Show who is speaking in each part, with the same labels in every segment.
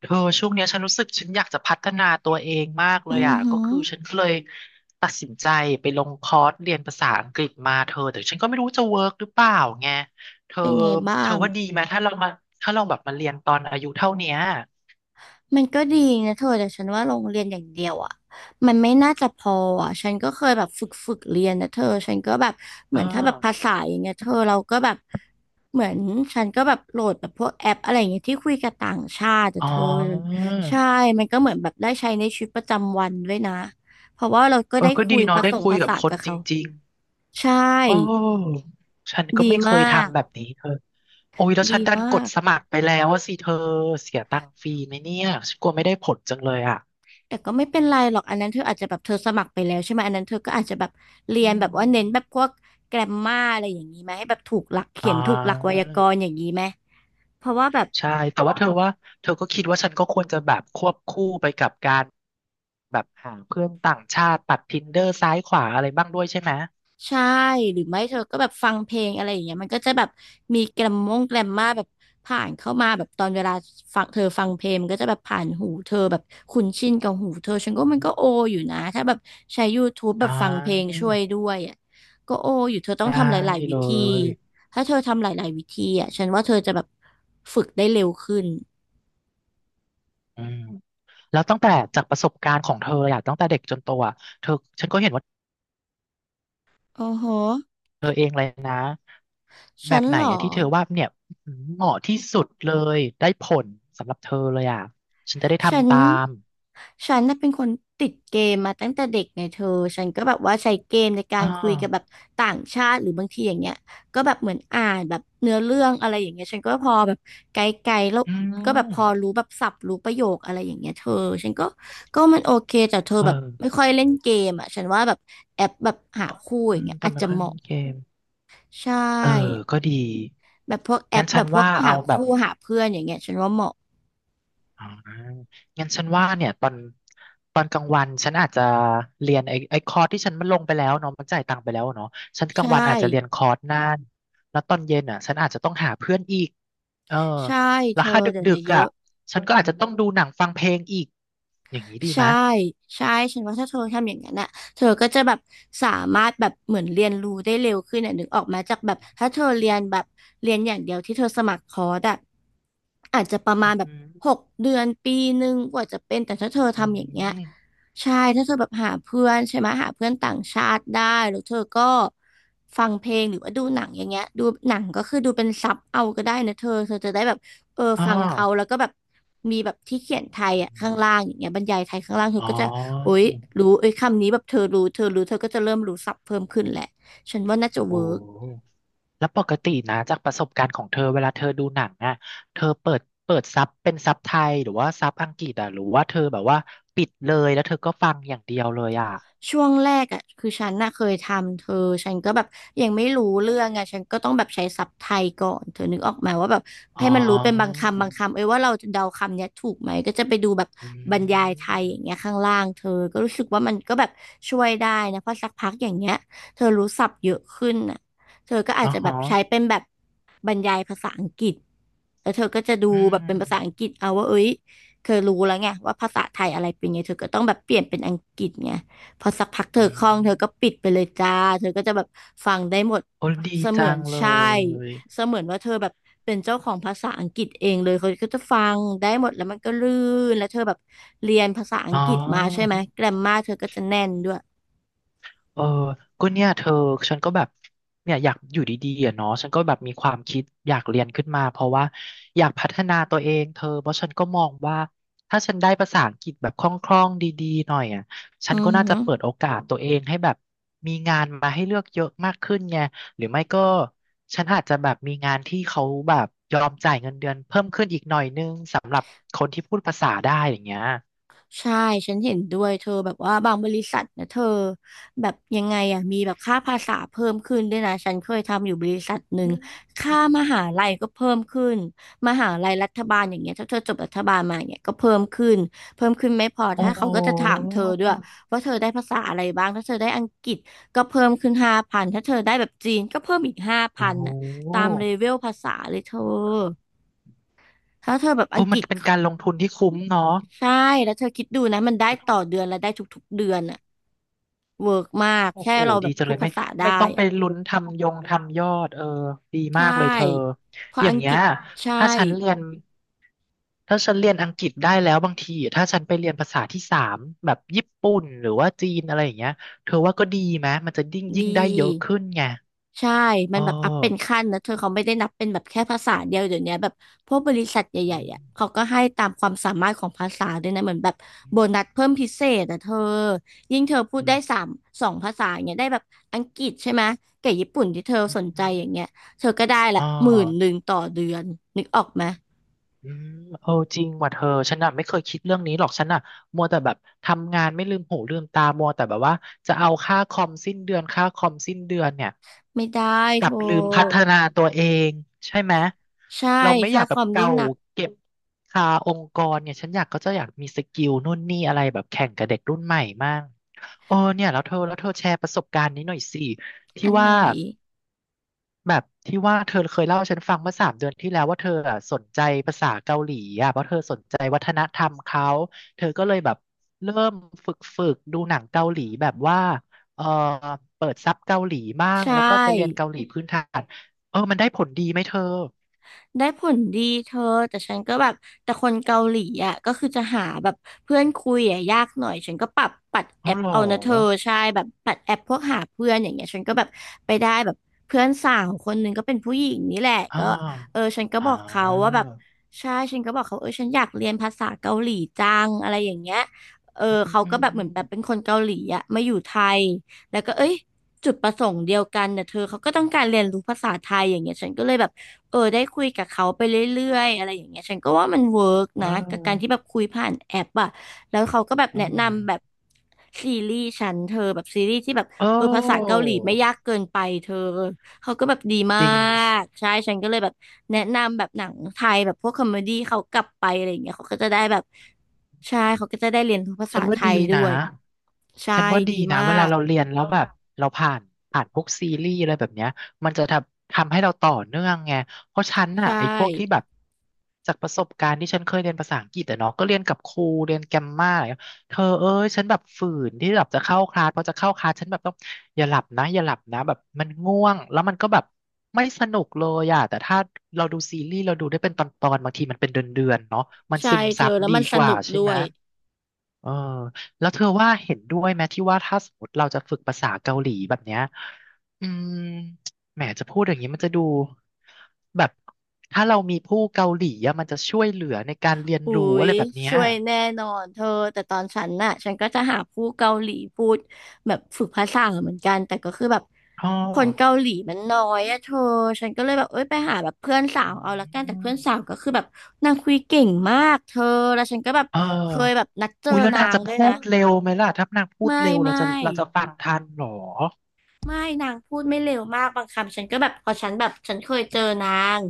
Speaker 1: เธอช่วงเนี้ยฉันรู้สึกฉันอยากจะพัฒนาตัวเองมากเล
Speaker 2: อื
Speaker 1: ย
Speaker 2: อ
Speaker 1: อ่ะ
Speaker 2: หื
Speaker 1: ก็
Speaker 2: อ
Speaker 1: คือฉันก็เลยตัดสินใจไปลงคอร์สเรียนภาษาอังกฤษมาเธอแต่ฉันก็ไม่รู้จะเวิร์กหรือเปล่าไงเธอ
Speaker 2: เป็นไงบ้า
Speaker 1: เธอ
Speaker 2: ง
Speaker 1: ว่าดีไหมถ้าเรามาถ้าเราแบบมาเรียนตอนอายุเท่าเนี้ย
Speaker 2: มันก็ดีนะเธอแต่ฉันว่าโรงเรียนอย่างเดียวอ่ะมันไม่น่าจะพออ่ะฉันก็เคยแบบฝึกเรียนนะเธอ ฉันก็แบบเห
Speaker 1: เออ
Speaker 2: มือนถ้าแบบภาษาอย่างเงี้ยเธอเราก็แบบเหมือนฉันก็แบบโหลดแบบพวกแอปอะไรอย่างเงี้ยที่คุยกับต่างชาติแต่
Speaker 1: อ๋
Speaker 2: เธ
Speaker 1: อ
Speaker 2: อใช่มันก็เหมือนแบบได้ใช้ในชีวิตประจำวันด้วยนะเพราะว่าเราก็
Speaker 1: เอ
Speaker 2: ได้
Speaker 1: อก็
Speaker 2: คุ
Speaker 1: ดี
Speaker 2: ยผ
Speaker 1: เนาะได้
Speaker 2: สม
Speaker 1: คุย
Speaker 2: ภา
Speaker 1: กับ
Speaker 2: ษา
Speaker 1: คน
Speaker 2: กับ
Speaker 1: จ
Speaker 2: เขา
Speaker 1: ริง
Speaker 2: ใช่
Speaker 1: ๆโอ้ฉันก็
Speaker 2: ดี
Speaker 1: ไม่เค
Speaker 2: ม
Speaker 1: ย
Speaker 2: าก
Speaker 1: ทำแบบนี้เธอโอ้ยแล้วฉั
Speaker 2: ดี
Speaker 1: นดันก
Speaker 2: มา
Speaker 1: ด
Speaker 2: ก
Speaker 1: สมัครไปแล้วว่าสิเธอเสียตังค์ฟรีไหมเนี่ยฉันกลัวไม่ได้ผลจังเลยอ่ะ
Speaker 2: แต่ก็ไม่เป็นไรหรอกอันนั้นเธออาจจะแบบเธอสมัครไปแล้วใช่ไหมอันนั้นเธอก็อาจจะแบบเรี
Speaker 1: อื
Speaker 2: ยน
Speaker 1: ม
Speaker 2: แบบว่าเน้นแบบพวกแกรมมาอะไรอย่างนี้ไหมให้แบบถูกหลัก
Speaker 1: อ่
Speaker 2: เขียนถูกหลักไว
Speaker 1: า
Speaker 2: ยากรณ์อย่างนี้ไหมเพราะว่าแบบ
Speaker 1: ใช่ แต่ว่าเธอว่า เธอก็คิดว่าฉันก็ควรจะแบบควบคู่ไปกับการแบบหาเพื่อนต่างชาติตัด Tinder ซ้ายขวาอะไรบ้างด้วยใช่ไหม
Speaker 2: ใช่หรือไม่เธอก็แบบฟังเพลงอะไรอย่างเงี้ยมันก็จะแบบมีแกรมมาแบบผ่านเข้ามาแบบตอนเวลาฟังเธอฟังเพลงมันก็จะแบบผ่านหูเธอแบบคุ้นชินกับหูเธอฉันก็มันก็โออยู่นะถ้าแบบใช้ YouTube แบ
Speaker 1: อ่
Speaker 2: บฟังเพลง
Speaker 1: า
Speaker 2: ช่วยด้วยอ่ะก็โออยู่เธอต้อง
Speaker 1: ได้
Speaker 2: ทำหลายๆวิ
Speaker 1: เล
Speaker 2: ธี
Speaker 1: ย
Speaker 2: ถ้าเธอทำหลายๆวิธีอ่ะฉันว่าเธอจะแบบฝึกได้เร็วขึ้น
Speaker 1: อืมแล้วตั้งแต่จากประสบการณ์ของเธออะตั้งแต่เด็กจนโตอะเธอฉันก็เห็นว่า
Speaker 2: โอ้โห
Speaker 1: เธอเองเลยนะ แบ
Speaker 2: ฉัน
Speaker 1: บไห
Speaker 2: เห
Speaker 1: น
Speaker 2: รอ
Speaker 1: อะที่เธอว่าเนี่ยเหมาะที่สุดเลยได้ผลสำหรับเธอเลยอะฉันจะได้
Speaker 2: ฉัน
Speaker 1: ทำตาม
Speaker 2: ฉันน่ะเป็นคนติดเกมมาตั้งแต่เด็กไงเธอฉันก็แบบว่าใช้เกมในกา
Speaker 1: อ่
Speaker 2: รคุยกับแบบ
Speaker 1: า
Speaker 2: ต่างชาติหรือบางทีอย่างเงี้ยก็แบบเหมือนอ่านแบบเนื้อเรื่องอะไรอย่างเงี้ยฉันก็พอแบบไกลๆแล้ว
Speaker 1: อื
Speaker 2: ก็แบบพอ
Speaker 1: ม
Speaker 2: รู้แบบศัพท์รู้ประโยคอะไรอย่างเงี้ยเธอฉันก็มันโอเคแต่เธอ
Speaker 1: เอ
Speaker 2: แบบ
Speaker 1: อ
Speaker 2: ไม่ค่อยเล่นเกมอ่ะฉันว่าแบบแอปแบบหาคู่อ
Speaker 1: อื
Speaker 2: ย่าง
Speaker 1: ม
Speaker 2: เงี้ย
Speaker 1: กร
Speaker 2: อาจ
Speaker 1: รม
Speaker 2: จะ
Speaker 1: กา
Speaker 2: เห
Speaker 1: ร
Speaker 2: มาะ
Speaker 1: เกม
Speaker 2: ใช
Speaker 1: เออ
Speaker 2: ่
Speaker 1: ก็ดี
Speaker 2: แบบพวกแอ
Speaker 1: งั้
Speaker 2: ป
Speaker 1: น
Speaker 2: แบ
Speaker 1: ฉัน
Speaker 2: บพวก
Speaker 1: ว่าเอา
Speaker 2: หา
Speaker 1: แบบ
Speaker 2: คู่หาเพื่อนอย่างเงี้ยฉันว่าเหมาะ
Speaker 1: อ่างั้นฉันว่าเนี่ยตอนตอนกลางวันฉันอาจจะเรียนไอ้ไอ้คอร์สที่ฉันมันลงไปแล้วเนาะมันจ่ายตังค์ไปแล้วเนาะฉันกลา
Speaker 2: ใช่
Speaker 1: งวันอาจจะเรียนคอร์สนั่นแล้วตอนเย็นอ่ะฉันอาจจะต้องหาเพื่อนอีกเออ
Speaker 2: ใช่
Speaker 1: แล้
Speaker 2: เธ
Speaker 1: ว
Speaker 2: อ
Speaker 1: ถ้าด
Speaker 2: เดี๋ยว
Speaker 1: ึ
Speaker 2: นี้
Speaker 1: ก
Speaker 2: เย
Speaker 1: ๆอ่ะ
Speaker 2: อะ
Speaker 1: ฉันก็อาจจะต้องดูหนังฟังเพลงอีกอย่างนี้ดีไห
Speaker 2: ใช่
Speaker 1: มย
Speaker 2: ใช่ฉันว่าถ้าเธอทำอย่างนั้นน่ะเธอก็จะแบบสามารถแบบเหมือนเรียนรู้ได้เร็วขึ้นอ่ะนึกออกมาจากแบบถ้าเธอเรียนแบบเรียนอย่างเดียวที่เธอสมัครคอร์สอ่ะอาจจะประมา
Speaker 1: อื
Speaker 2: ณ
Speaker 1: อ
Speaker 2: แบบ
Speaker 1: หือ
Speaker 2: 6 เดือน1 ปีกว่าจะเป็นแต่ถ้าเธอ
Speaker 1: อื
Speaker 2: ทำอย่างเงี้ย
Speaker 1: ม
Speaker 2: ใช่ถ้าเธอแบบหาเพื่อนใช่ไหมหาเพื่อนต่างชาติได้แล้วเธอก็ฟังเพลงหรือว่าดูหนังอย่างเงี้ยดูหนังก็คือดูเป็นซับเอาก็ได้นะเธอเธอจะได้แบบเออ
Speaker 1: อ๋อ
Speaker 2: ฟังเขาแล้วก็แบบมีแบบที่เขียนไทยอ่ะข้างล่างอย่างเงี้ยบรรยายไทยข้างล่างเธ
Speaker 1: อ๋
Speaker 2: อ
Speaker 1: อ
Speaker 2: ก็จะโอ๊ยรู้เอ้ยคำนี้แบบเธอรู้เธอรู้เธอก็จะเริ่มรู้ศัพท์เพิ่มขึ้นแหละฉันว่าน่าจะ
Speaker 1: โอ้
Speaker 2: เวิร์ก
Speaker 1: แล้วปกตินะจากประสบการณ์ของเธอเวลาเธอดูหนังอ่ะเธอเปิดเปิดซับเป็นซับไทยหรือว่าซับอังกฤษอ่ะหรือว่าเธอแบบว่าปิดเลยแล้วเธอก็ฟังอย่างเดียวเลยอ่ะ
Speaker 2: ช่วงแรกอ่ะคือฉันน่ะเคยทำเธอฉันก็แบบยังไม่รู้เรื่องไงฉันก็ต้องแบบใช้ศัพท์ไทยก่อนเธอนึกออกไหมว่าแบบ
Speaker 1: อ๋อ
Speaker 2: ให้มันรู้เป็นบางคำบางคำเอ้ยว่าเราจะเดาคำเนี้ยถูกไหมก็จะไปดูแบบ
Speaker 1: อื
Speaker 2: บรรยายไทยอ
Speaker 1: ม
Speaker 2: ย่างเงี้ยข้างล่างเธอก็รู้สึกว่ามันก็แบบช่วยได้นะเพราะสักพักอย่างเงี้ยเธอรู้ศัพท์เยอะขึ้นน่ะเธอก็อา
Speaker 1: อ๋
Speaker 2: จ
Speaker 1: อ
Speaker 2: จะแบ
Speaker 1: ฮะ
Speaker 2: บใช้เป็นแบบบรรยายภาษาอังกฤษแล้วเธอก็จะดู
Speaker 1: อื
Speaker 2: แบบเป็นภาษาอังก
Speaker 1: ม
Speaker 2: ฤษเอาว่าเอ้ยเธอรู้แล้วไงว่าภาษาไทยอะไรเป็นไงเธอก็ต้องแบบเปลี่ยนเป็นอังกฤษไง พอสักพักเธ
Speaker 1: อื
Speaker 2: อคล่อง
Speaker 1: ม
Speaker 2: เธอก็ปิดไปเลยจ้าเธอก็จะแบบฟังได้หมด
Speaker 1: โอ้ดี
Speaker 2: เสมื
Speaker 1: จั
Speaker 2: อน
Speaker 1: งเล
Speaker 2: ใช่
Speaker 1: ย
Speaker 2: เสมือนว่าเธอแบบเป็นเจ้าของภาษาอังกฤษเองเลยเขาก็จะฟังได้หมดแล้วมันก็ลื่นแล้วเธอแบบเรียนภาษาอั
Speaker 1: อ๋
Speaker 2: ง
Speaker 1: อ
Speaker 2: กฤษมาใช่ไหมแกรมมาเธอก็จะแน่นด้วย
Speaker 1: เออก็เนี่ยเธอฉันก็แบบเนี่ยอยากอยู่ดีๆอะเนาะฉันก็แบบมีความคิดอยากเรียนขึ้นมาเพราะว่าอยากพัฒนาตัวเองเธอเพราะฉันก็มองว่าถ้าฉันได้ภาษาอังกฤษแบบคล่องๆดีๆหน่อยอ่ะฉั
Speaker 2: อื
Speaker 1: น
Speaker 2: อ
Speaker 1: ก็
Speaker 2: หื
Speaker 1: น่า
Speaker 2: อ
Speaker 1: จะเปิดโอกาสตัวเองให้แบบมีงานมาให้เลือกเยอะมากขึ้นไงหรือไม่ก็ฉันอาจจะแบบมีงานที่เขาแบบยอมจ่ายเงินเดือนเพิ่มขึ้นอีกหน่อยนึงสำหรับคนที่พูดภาษาได้อย่างเงี้ย
Speaker 2: ใช่ฉันเห็นด้วยเธอแบบว่าบางบริษัทนะเธอแบบยังไงอ่ะมีแบบค่าภาษาเพิ่มขึ้นด้วยนะฉันเคยทำอยู่บริษัทหนึ่งค่ามหาลัยก็เพิ่มขึ้นมหาลัยรัฐบาลอย่างเงี้ยถ้าเธอจบรัฐบาลมาเนี่ยก็เพิ่มขึ้นไม่พอ
Speaker 1: โอ้
Speaker 2: ถ้า
Speaker 1: โห
Speaker 2: เขาก็จะถามเธอด้วยว่าเธอได้ภาษาอะไรบ้างถ้าเธอได้อังกฤษก็เพิ่มขึ้นห้าพันถ้าเธอได้แบบจีนก็เพิ่มอีกห้า
Speaker 1: โอ้
Speaker 2: พัน
Speaker 1: โห
Speaker 2: น่ะตามเลเวลภาษาเลยเธอถ้าเธอแบบ
Speaker 1: โอ้
Speaker 2: อังก
Speaker 1: มัน
Speaker 2: ฤษ
Speaker 1: เป็นการลงทุนที่คุ้มเนาะ
Speaker 2: ใช่แล้วเธอคิดดูนะมันได้ต่อเดือนและได้ทุกๆเดือนอะเวิร์กมาก
Speaker 1: โอ้
Speaker 2: แค่
Speaker 1: โห
Speaker 2: เราแบ
Speaker 1: ดี
Speaker 2: บ
Speaker 1: จัง
Speaker 2: พู
Speaker 1: เล
Speaker 2: ด
Speaker 1: ย
Speaker 2: ภา
Speaker 1: ไม่
Speaker 2: ษาได้
Speaker 1: ไม่ต้องไป
Speaker 2: อะ
Speaker 1: ลุ้นทำยงทำยอดเออดี
Speaker 2: ใช
Speaker 1: มากเลยเธอ
Speaker 2: ่เพราะ
Speaker 1: อย่า
Speaker 2: อั
Speaker 1: ง
Speaker 2: ง
Speaker 1: เงี้
Speaker 2: กฤ
Speaker 1: ย
Speaker 2: ษ
Speaker 1: ถ้า
Speaker 2: ใช่
Speaker 1: ฉันเรียนถ้าฉันเรียนอังกฤษได้แล้วบางทีถ้าฉันไปเรียนภาษาที่สามแบบญี่ปุ่นหรือว่าจีนอะไรอย่างเงี้ยเธอว่าก็ดีไหมมันจะยิ่งยิ่
Speaker 2: ดี
Speaker 1: งได้เยอะขึ้นไง
Speaker 2: ใช่มั
Speaker 1: เอ
Speaker 2: นแบบอัพเป็น
Speaker 1: อ
Speaker 2: ขั้นนะเธอเขาไม่ได้นับเป็นแบบแค่ภาษาเดียวเดี๋ยวนี้แบบพวกบริษัท
Speaker 1: อื
Speaker 2: ใหญ่
Speaker 1: ม
Speaker 2: ๆอ่ะเขาก็ให้ตามความสามารถของภาษาด้วยนะเหมือนแบบโบนัสเพิ่มพิเศษอ่ะเธอยิ่งเธอพูด
Speaker 1: อื
Speaker 2: ได้
Speaker 1: ม
Speaker 2: สามสองภาษาอย่างเงี้ยได้แบบอังกฤษใช่ไหมกับญี่ปุ่นที่เธอ
Speaker 1: อื
Speaker 2: สนใจอย่างเงี้
Speaker 1: ม
Speaker 2: ยเธอก็ได้ละ
Speaker 1: อ๋อ
Speaker 2: หมื่นหนึ่งต่อเดือนนึกออกไหม
Speaker 1: อืมเออจริงว่ะเธอฉันน่ะไม่เคยคิดเรื่องนี้หรอกฉันน่ะมัวแต่แบบทำงานไม่ลืมหูลืมตามัวแต่แบบว่าจะเอาค่าคอมสิ้นเดือนค่าคอมสิ้นเดือนเนี่ย
Speaker 2: ไม่ได้
Speaker 1: ก
Speaker 2: โท
Speaker 1: ลับลืมพัฒ
Speaker 2: ร
Speaker 1: นาตัวเองใช่ไหม
Speaker 2: ใช่
Speaker 1: เราไม่อ
Speaker 2: ค่า
Speaker 1: ยาก
Speaker 2: ค
Speaker 1: แบบ
Speaker 2: อมนี่
Speaker 1: เก่า
Speaker 2: หนัก
Speaker 1: เก็บคาองค์กรเนี่ยฉันอยากก็จะอยากมีสกิลนู่นนี่อะไรแบบแข่งกับเด็กรุ่นใหม่มากเออเนี่ยแล้วเธอแล้วเธอแชร์ประสบการณ์นี้หน่อยสิที่
Speaker 2: อันไห
Speaker 1: ว่า
Speaker 2: น
Speaker 1: แบบที่ว่าเธอเคยเล่าให้ฉันฟังเมื่อสามเดือนที่แล้วว่าเธออะสนใจภาษาเกาหลีอ่ะเพราะเธอสนใจวัฒนธรรมเขาเธอก็เลยแบบเริ่มฝึกดูหนังเกาหลีแบบว่าเออเปิดซับเกาหลีบ้าง
Speaker 2: ใช่
Speaker 1: แล้วก็ไปเรียนเกาหลีพื้นฐานเออมันได้ผลดีไหมเธอ
Speaker 2: ได้ผลดีเธอแต่ฉันก็แบบแต่คนเกาหลีอ่ะก็คือจะหาแบบเพื่อนคุยอ่ะยากหน่อยฉันก็ปรับปัดแอ
Speaker 1: เอา
Speaker 2: ป
Speaker 1: เหรอ
Speaker 2: เอานะเธอใช่แบบปัดแอปพวกหาเพื่อนอย่างเงี้ยฉันก็แบบไปได้แบบเพื่อนสาวคนหนึ่งก็เป็นผู้หญิงนี่แหละ
Speaker 1: อ่า
Speaker 2: ก็เออฉันก็
Speaker 1: อ่
Speaker 2: บอกเขาว่า
Speaker 1: า
Speaker 2: แบบใช่ฉันก็บอกเขาเออฉันอยากเรียนภาษาเกาหลีจังอะไรอย่างเงี้ยเออ
Speaker 1: อืม
Speaker 2: เขา
Speaker 1: อื
Speaker 2: ก็แบบเหมือน
Speaker 1: ม
Speaker 2: แบบเป็นคนเกาหลีอ่ะมาอยู่ไทยแล้วก็เอ้ยจุดประสงค์เดียวกันเนี่ยเธอเขาก็ต้องการเรียนรู้ภาษาไทยอย่างเงี้ยฉันก็เลยแบบ เออได้คุยกับเขาไปเรื่อยๆอะไรอย่างเงี้ยฉันก็ว่ามันเวิร์ก
Speaker 1: อื
Speaker 2: นะกับการที่แบบ
Speaker 1: ม
Speaker 2: คุยผ่านแอปอะแล้วเขาก็แบบ
Speaker 1: เอ
Speaker 2: แนะ
Speaker 1: อเออ
Speaker 2: นำแบบซีรีส์ฉันเธอแบบซีรีส์ที่แบบ
Speaker 1: โอ้
Speaker 2: เออภาษาเกาหลีไม่ยากเกินไปเธอเขาก็แบบดีมา
Speaker 1: จริง
Speaker 2: กใช่ฉันก็เลยแบบแนะนำแบบหนังไทยแบบพวกคอมเมดี้เขากลับไปอะไรอย่างเงี้ยเขาก็จะได้แบบใช่เขาก็จะได้เรียนรู้ภา
Speaker 1: ฉั
Speaker 2: ษา
Speaker 1: น
Speaker 2: ไท
Speaker 1: ว่าดี
Speaker 2: ยด้
Speaker 1: นะ
Speaker 2: วยใช่
Speaker 1: ฉันว่าดี
Speaker 2: ดี
Speaker 1: นะ
Speaker 2: มา
Speaker 1: เวลา
Speaker 2: ก
Speaker 1: เราเรียนแล้วแบบเราผ่านพวกซีรีส์อะไรแบบเนี้ยมันจะทำให้เราต่อเนื่องไงเพราะฉันน่ะ
Speaker 2: ใช่
Speaker 1: ไอ้พวกที่แบบจากประสบการณ์ที่ฉันเคยเรียนภาษาอังกฤษอะเนาะก็เรียนกับครูเรียนแกรมมาอะไรเงี้ยเธอเอ้ยฉันแบบฝืนที่แบบจะเข้าคลาสพอจะเข้าคลาสฉันแบบต้องอย่าหลับนะอย่าหลับนะแบบมันง่วงแล้วมันก็แบบไม่สนุกเลยอะแต่ถ้าเราดูซีรีส์เราดูได้เป็นตอนๆบางทีมันเป็นเดือนๆเนาะมัน
Speaker 2: ใช่
Speaker 1: ซึม
Speaker 2: เธ
Speaker 1: ซั
Speaker 2: อ
Speaker 1: บ
Speaker 2: แล้ว
Speaker 1: ดี
Speaker 2: มันส
Speaker 1: กว่า
Speaker 2: นุก
Speaker 1: ใช่
Speaker 2: ด้
Speaker 1: ไหม
Speaker 2: วย
Speaker 1: เออแล้วเธอว่าเห็นด้วยไหมที่ว่าถ้าสมมติเราจะฝึกภาษาเกาหลีแบบเนี้ยอืมแหมจะพูดอย่างนี้มันจะดูแบบถ้าเรามีผู้เกาหลีอะมันจะช่วยเหลือในการเรียน
Speaker 2: อุ๊
Speaker 1: รู้อะ
Speaker 2: ย
Speaker 1: ไรแบบเนี้ย
Speaker 2: ช่วยแน่นอนเธอแต่ตอนฉันน่ะฉันก็จะหาผู้เกาหลีพูดแบบฝึกภาษาเหมือนกันแต่ก็คือแบบ
Speaker 1: อ๋อ
Speaker 2: คนเกาหลีมันน้อยอะเธอฉันก็เลยแบบเอ้ยไปหาแบบเพื่อนสา
Speaker 1: อื
Speaker 2: วเอาละกันแต่
Speaker 1: ม
Speaker 2: เพื่อนสาวก็คือแบบนางคุยเก่งมากเธอแล้วฉันก็แบบ
Speaker 1: เอ
Speaker 2: เคยแบ
Speaker 1: อ
Speaker 2: บนัดเจอ
Speaker 1: อุ้ยแล้ว
Speaker 2: นา
Speaker 1: นาง
Speaker 2: ง
Speaker 1: จะ
Speaker 2: ด้วย
Speaker 1: พู
Speaker 2: นะ
Speaker 1: ดเร็วไหมล่ะถ้านางพูด
Speaker 2: ไม่
Speaker 1: เร็วเรา
Speaker 2: ไม่
Speaker 1: จะเราจะฟังทันเหรอ
Speaker 2: ไม่นางพูดไม่เร็วมากบางคำฉันก็แบบพอฉันแบบฉันเคยเจอนาง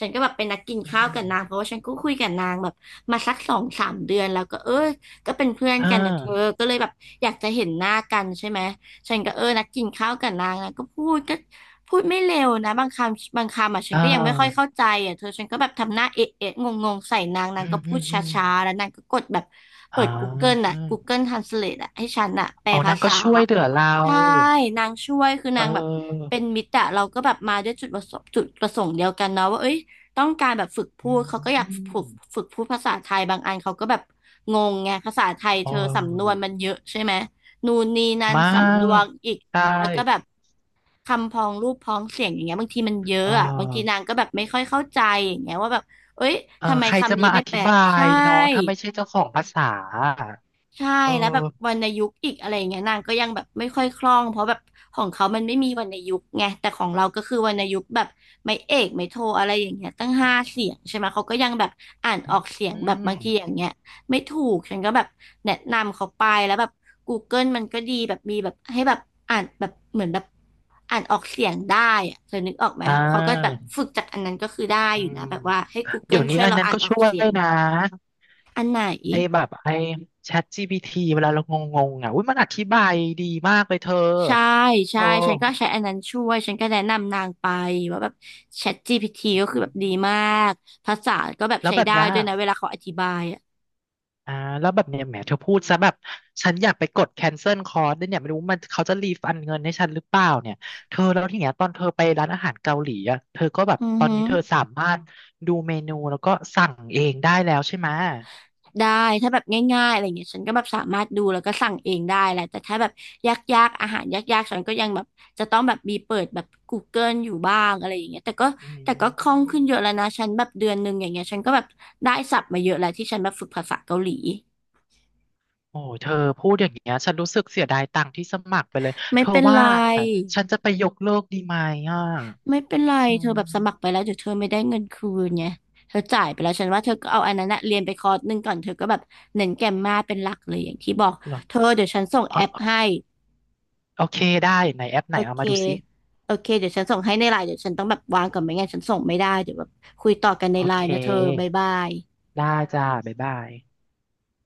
Speaker 2: ฉันก็แบบเป็นนักกิน
Speaker 1: อื
Speaker 2: ข้าวกับนางเพ
Speaker 1: ม
Speaker 2: ราะว่าฉันก็คุยกับนางแบบมาสักสองสามเดือนแล้วก็เออก็เป็นเพื่อน
Speaker 1: เอ่า
Speaker 2: กันนะเธอก็เลยแบบอยากจะเห็นหน้ากันใช่ไหมฉันก็เออนักกินข้าวกับนางนะก็พูดก็พูดไม่เร็วนะบางคำบางคำอ่ะฉั
Speaker 1: อ่
Speaker 2: นก็ยังไม่ค่อย
Speaker 1: า
Speaker 2: เข้าใจอ่ะเธอฉันก็แบบทำหน้าเอ๊ะเอ๊ะงงงๆใส่นางนาง
Speaker 1: อื
Speaker 2: ก็
Speaker 1: ม
Speaker 2: พู
Speaker 1: อื
Speaker 2: ด
Speaker 1: ม
Speaker 2: ช
Speaker 1: อืม
Speaker 2: ้าๆแล้วนางก็กดแบบ
Speaker 1: อ่
Speaker 2: เปิด Google
Speaker 1: า
Speaker 2: น่ะ Google Translate อ่ะให้ฉันอ่ะแปล
Speaker 1: อ๋อ
Speaker 2: ภา
Speaker 1: นางก็
Speaker 2: ษา
Speaker 1: ช่วยเหลือเรา
Speaker 2: ใช่นางช่วยคือ
Speaker 1: เอ
Speaker 2: นางแบบเป็น
Speaker 1: อ
Speaker 2: มิตรอะเราก็แบบมาด้วยจุดประสงค์จุดประสงค์เดียวกันเนาะว่าเอ้ยต้องการแบบฝึกพู
Speaker 1: อื
Speaker 2: ดเขาก็อยาก
Speaker 1: ม
Speaker 2: ฝึกฝึกพูดภาษาไทยบางอันเขาก็แบบงงไงภาษาไทย
Speaker 1: เ
Speaker 2: เธอสำนวน
Speaker 1: ออ
Speaker 2: มันเยอะใช่ไหมนู่นนี่นั่น
Speaker 1: มา
Speaker 2: สำนว
Speaker 1: ก
Speaker 2: นอีก
Speaker 1: ใช
Speaker 2: แล้วก็แบบ
Speaker 1: ่
Speaker 2: คำพ้องรูปพ้องเสียงอย่างเงี้ยบางทีมันเย
Speaker 1: เอ
Speaker 2: อะ
Speaker 1: อ
Speaker 2: อะบางทีนางก็แบบไม่ค่อยเข้าใจอย่างเงี้ยว่าแบบเอ้ย
Speaker 1: เออ
Speaker 2: ทำไม
Speaker 1: ใครจะ
Speaker 2: คำนี้
Speaker 1: มาอ
Speaker 2: ไม่แป
Speaker 1: ธิ
Speaker 2: ล
Speaker 1: บาย
Speaker 2: ใช่
Speaker 1: เนาะ ถ้าไม่ใช่เจ้าของภาษาอะ
Speaker 2: ใช่
Speaker 1: เออ
Speaker 2: แล้วแบบวรรณยุกต์อีกอะไรอย่างเงี้ยนางก็ยังแบบไม่ค่อยคล่องเพราะแบบของเขามันไม่มีวรรณยุกต์ไงแต่ของเราก็คือวรรณยุกต์แบบไม่เอกไม่โทอะไรอย่างเงี้ยตั้งห้าเสียงใช่ไหมเขาก็ยังแบบอ่านออกเสียง
Speaker 1: อื
Speaker 2: แบบบา
Speaker 1: ม
Speaker 2: งทีอย่างเงี้ยไม่ถูกฉันก็แบบแนะนำเขาไปแล้วแบบ Google มันก็ดีแบบมีแบบให้แบบอ่านแบบเหมือนแบบอ่านออกเสียงได้อะเธอนึกออกไหม
Speaker 1: อ่
Speaker 2: เขาก็แบบ
Speaker 1: า
Speaker 2: ฝึกจากอันนั้นก็คือได้
Speaker 1: อื
Speaker 2: อยู่
Speaker 1: ม
Speaker 2: นะแบบว่าให้
Speaker 1: เดี๋ย
Speaker 2: Google
Speaker 1: วนี้
Speaker 2: ช่วย
Speaker 1: อัน
Speaker 2: เรา
Speaker 1: นั้น
Speaker 2: อ่าน
Speaker 1: ก็
Speaker 2: ออ
Speaker 1: ช่
Speaker 2: ก
Speaker 1: ว
Speaker 2: เสี
Speaker 1: ย
Speaker 2: ยง
Speaker 1: นะ
Speaker 2: อันไหน
Speaker 1: ไอ้แบบไอ้ Chat GPT เวลาเรางงๆอ่ะอุ้ยมันอธิบายดีมากเลยเธอ
Speaker 2: ใช่
Speaker 1: เอ
Speaker 2: ใช่
Speaker 1: อ
Speaker 2: ฉันก็ใช้อันนั้นช่วยฉันก็แนะนำนางไปว่าแบบ ChatGPT ก็คือแบบดีมากภาษาก็แบบ
Speaker 1: แล้ว
Speaker 2: ใช้
Speaker 1: แบบ
Speaker 2: ได้
Speaker 1: เนี้ย
Speaker 2: ด้วยนะเวลาเขาอธิบายอ่ะ
Speaker 1: อ่าแล้วแบบเนี่ยแหมเธอพูดซะแบบฉันอยากไปกดแคนเซิลคอร์สด้วยเนี่ยไม่รู้มันเขาจะรีฟันเงินให้ฉันหรือเปล่าเนี่ยเธอแล้วที่เนี้ยตอนเธอไปร้านอาหารเกาหลีอ่ะเธอก็แบบ
Speaker 2: อือ
Speaker 1: ตอน
Speaker 2: ฮึ
Speaker 1: นี้เธอสามารถดูเมนูแล้วก็สั่งเองได้แล้วใช่ไหม
Speaker 2: ได้ถ้าแบบง่ายๆอะไรเงี้ยฉันก็แบบสามารถดูแล้วก็สั่งเองได้แหละแต่ถ้าแบบยากๆอาหารยากๆฉันก็ยังแบบจะต้องแบบมีเปิดแบบ Google อยู่บ้างอะไรอย่างเงี้ยแต่ก็
Speaker 1: อื
Speaker 2: แต่ก็คล่อง
Speaker 1: ม
Speaker 2: ขึ้นเยอะแล้วนะฉันแบบเดือนหนึ่งอย่างเงี้ยฉันก็แบบได้ศัพท์มาเยอะแล้วที่ฉันแบบฝึกภาษาเกาหลี
Speaker 1: โอ้เธอพูดอย่างเงี้ยฉันรู้สึกเสียดายตังค์ที่สมัครไปเลย
Speaker 2: ไม่
Speaker 1: เธอ
Speaker 2: เป็น
Speaker 1: ว่า
Speaker 2: ไร
Speaker 1: ฉันจะไปยกเลิกดีไหมอ่ะ
Speaker 2: ไม่เป็นไร
Speaker 1: อื
Speaker 2: เธอแบบสมัครไป
Speaker 1: ม
Speaker 2: แล้วเดี๋ยวเธอไม่ได้เงินคืนไงเธอจ่ายไปแล้วฉันว่าเธอก็เอาอันนั้นนะเรียนไปคอร์สหนึ่งก่อนเธอก็แบบเน้นแกรมมาเป็นหลักเลยอย่างที่บอก
Speaker 1: เหรอ
Speaker 2: เธอเดี๋ยวฉันส่ง
Speaker 1: อ๋
Speaker 2: แอป
Speaker 1: อ
Speaker 2: ให้
Speaker 1: โอเคได้ไหนแอปไห
Speaker 2: โอ
Speaker 1: นเอา
Speaker 2: เค
Speaker 1: มาดูซิ
Speaker 2: โอเคเดี๋ยวฉันส่งให้ในไลน์เดี๋ยวฉันต้องแบบวางก่อนไม่งั้นฉันส่งไม่ได้เดี๋ยวแบบคุยต่อกันใน
Speaker 1: โอ
Speaker 2: ไล
Speaker 1: เค
Speaker 2: น์นะเธอบ๊ายบาย
Speaker 1: ได้จ้าบ๊ายบาย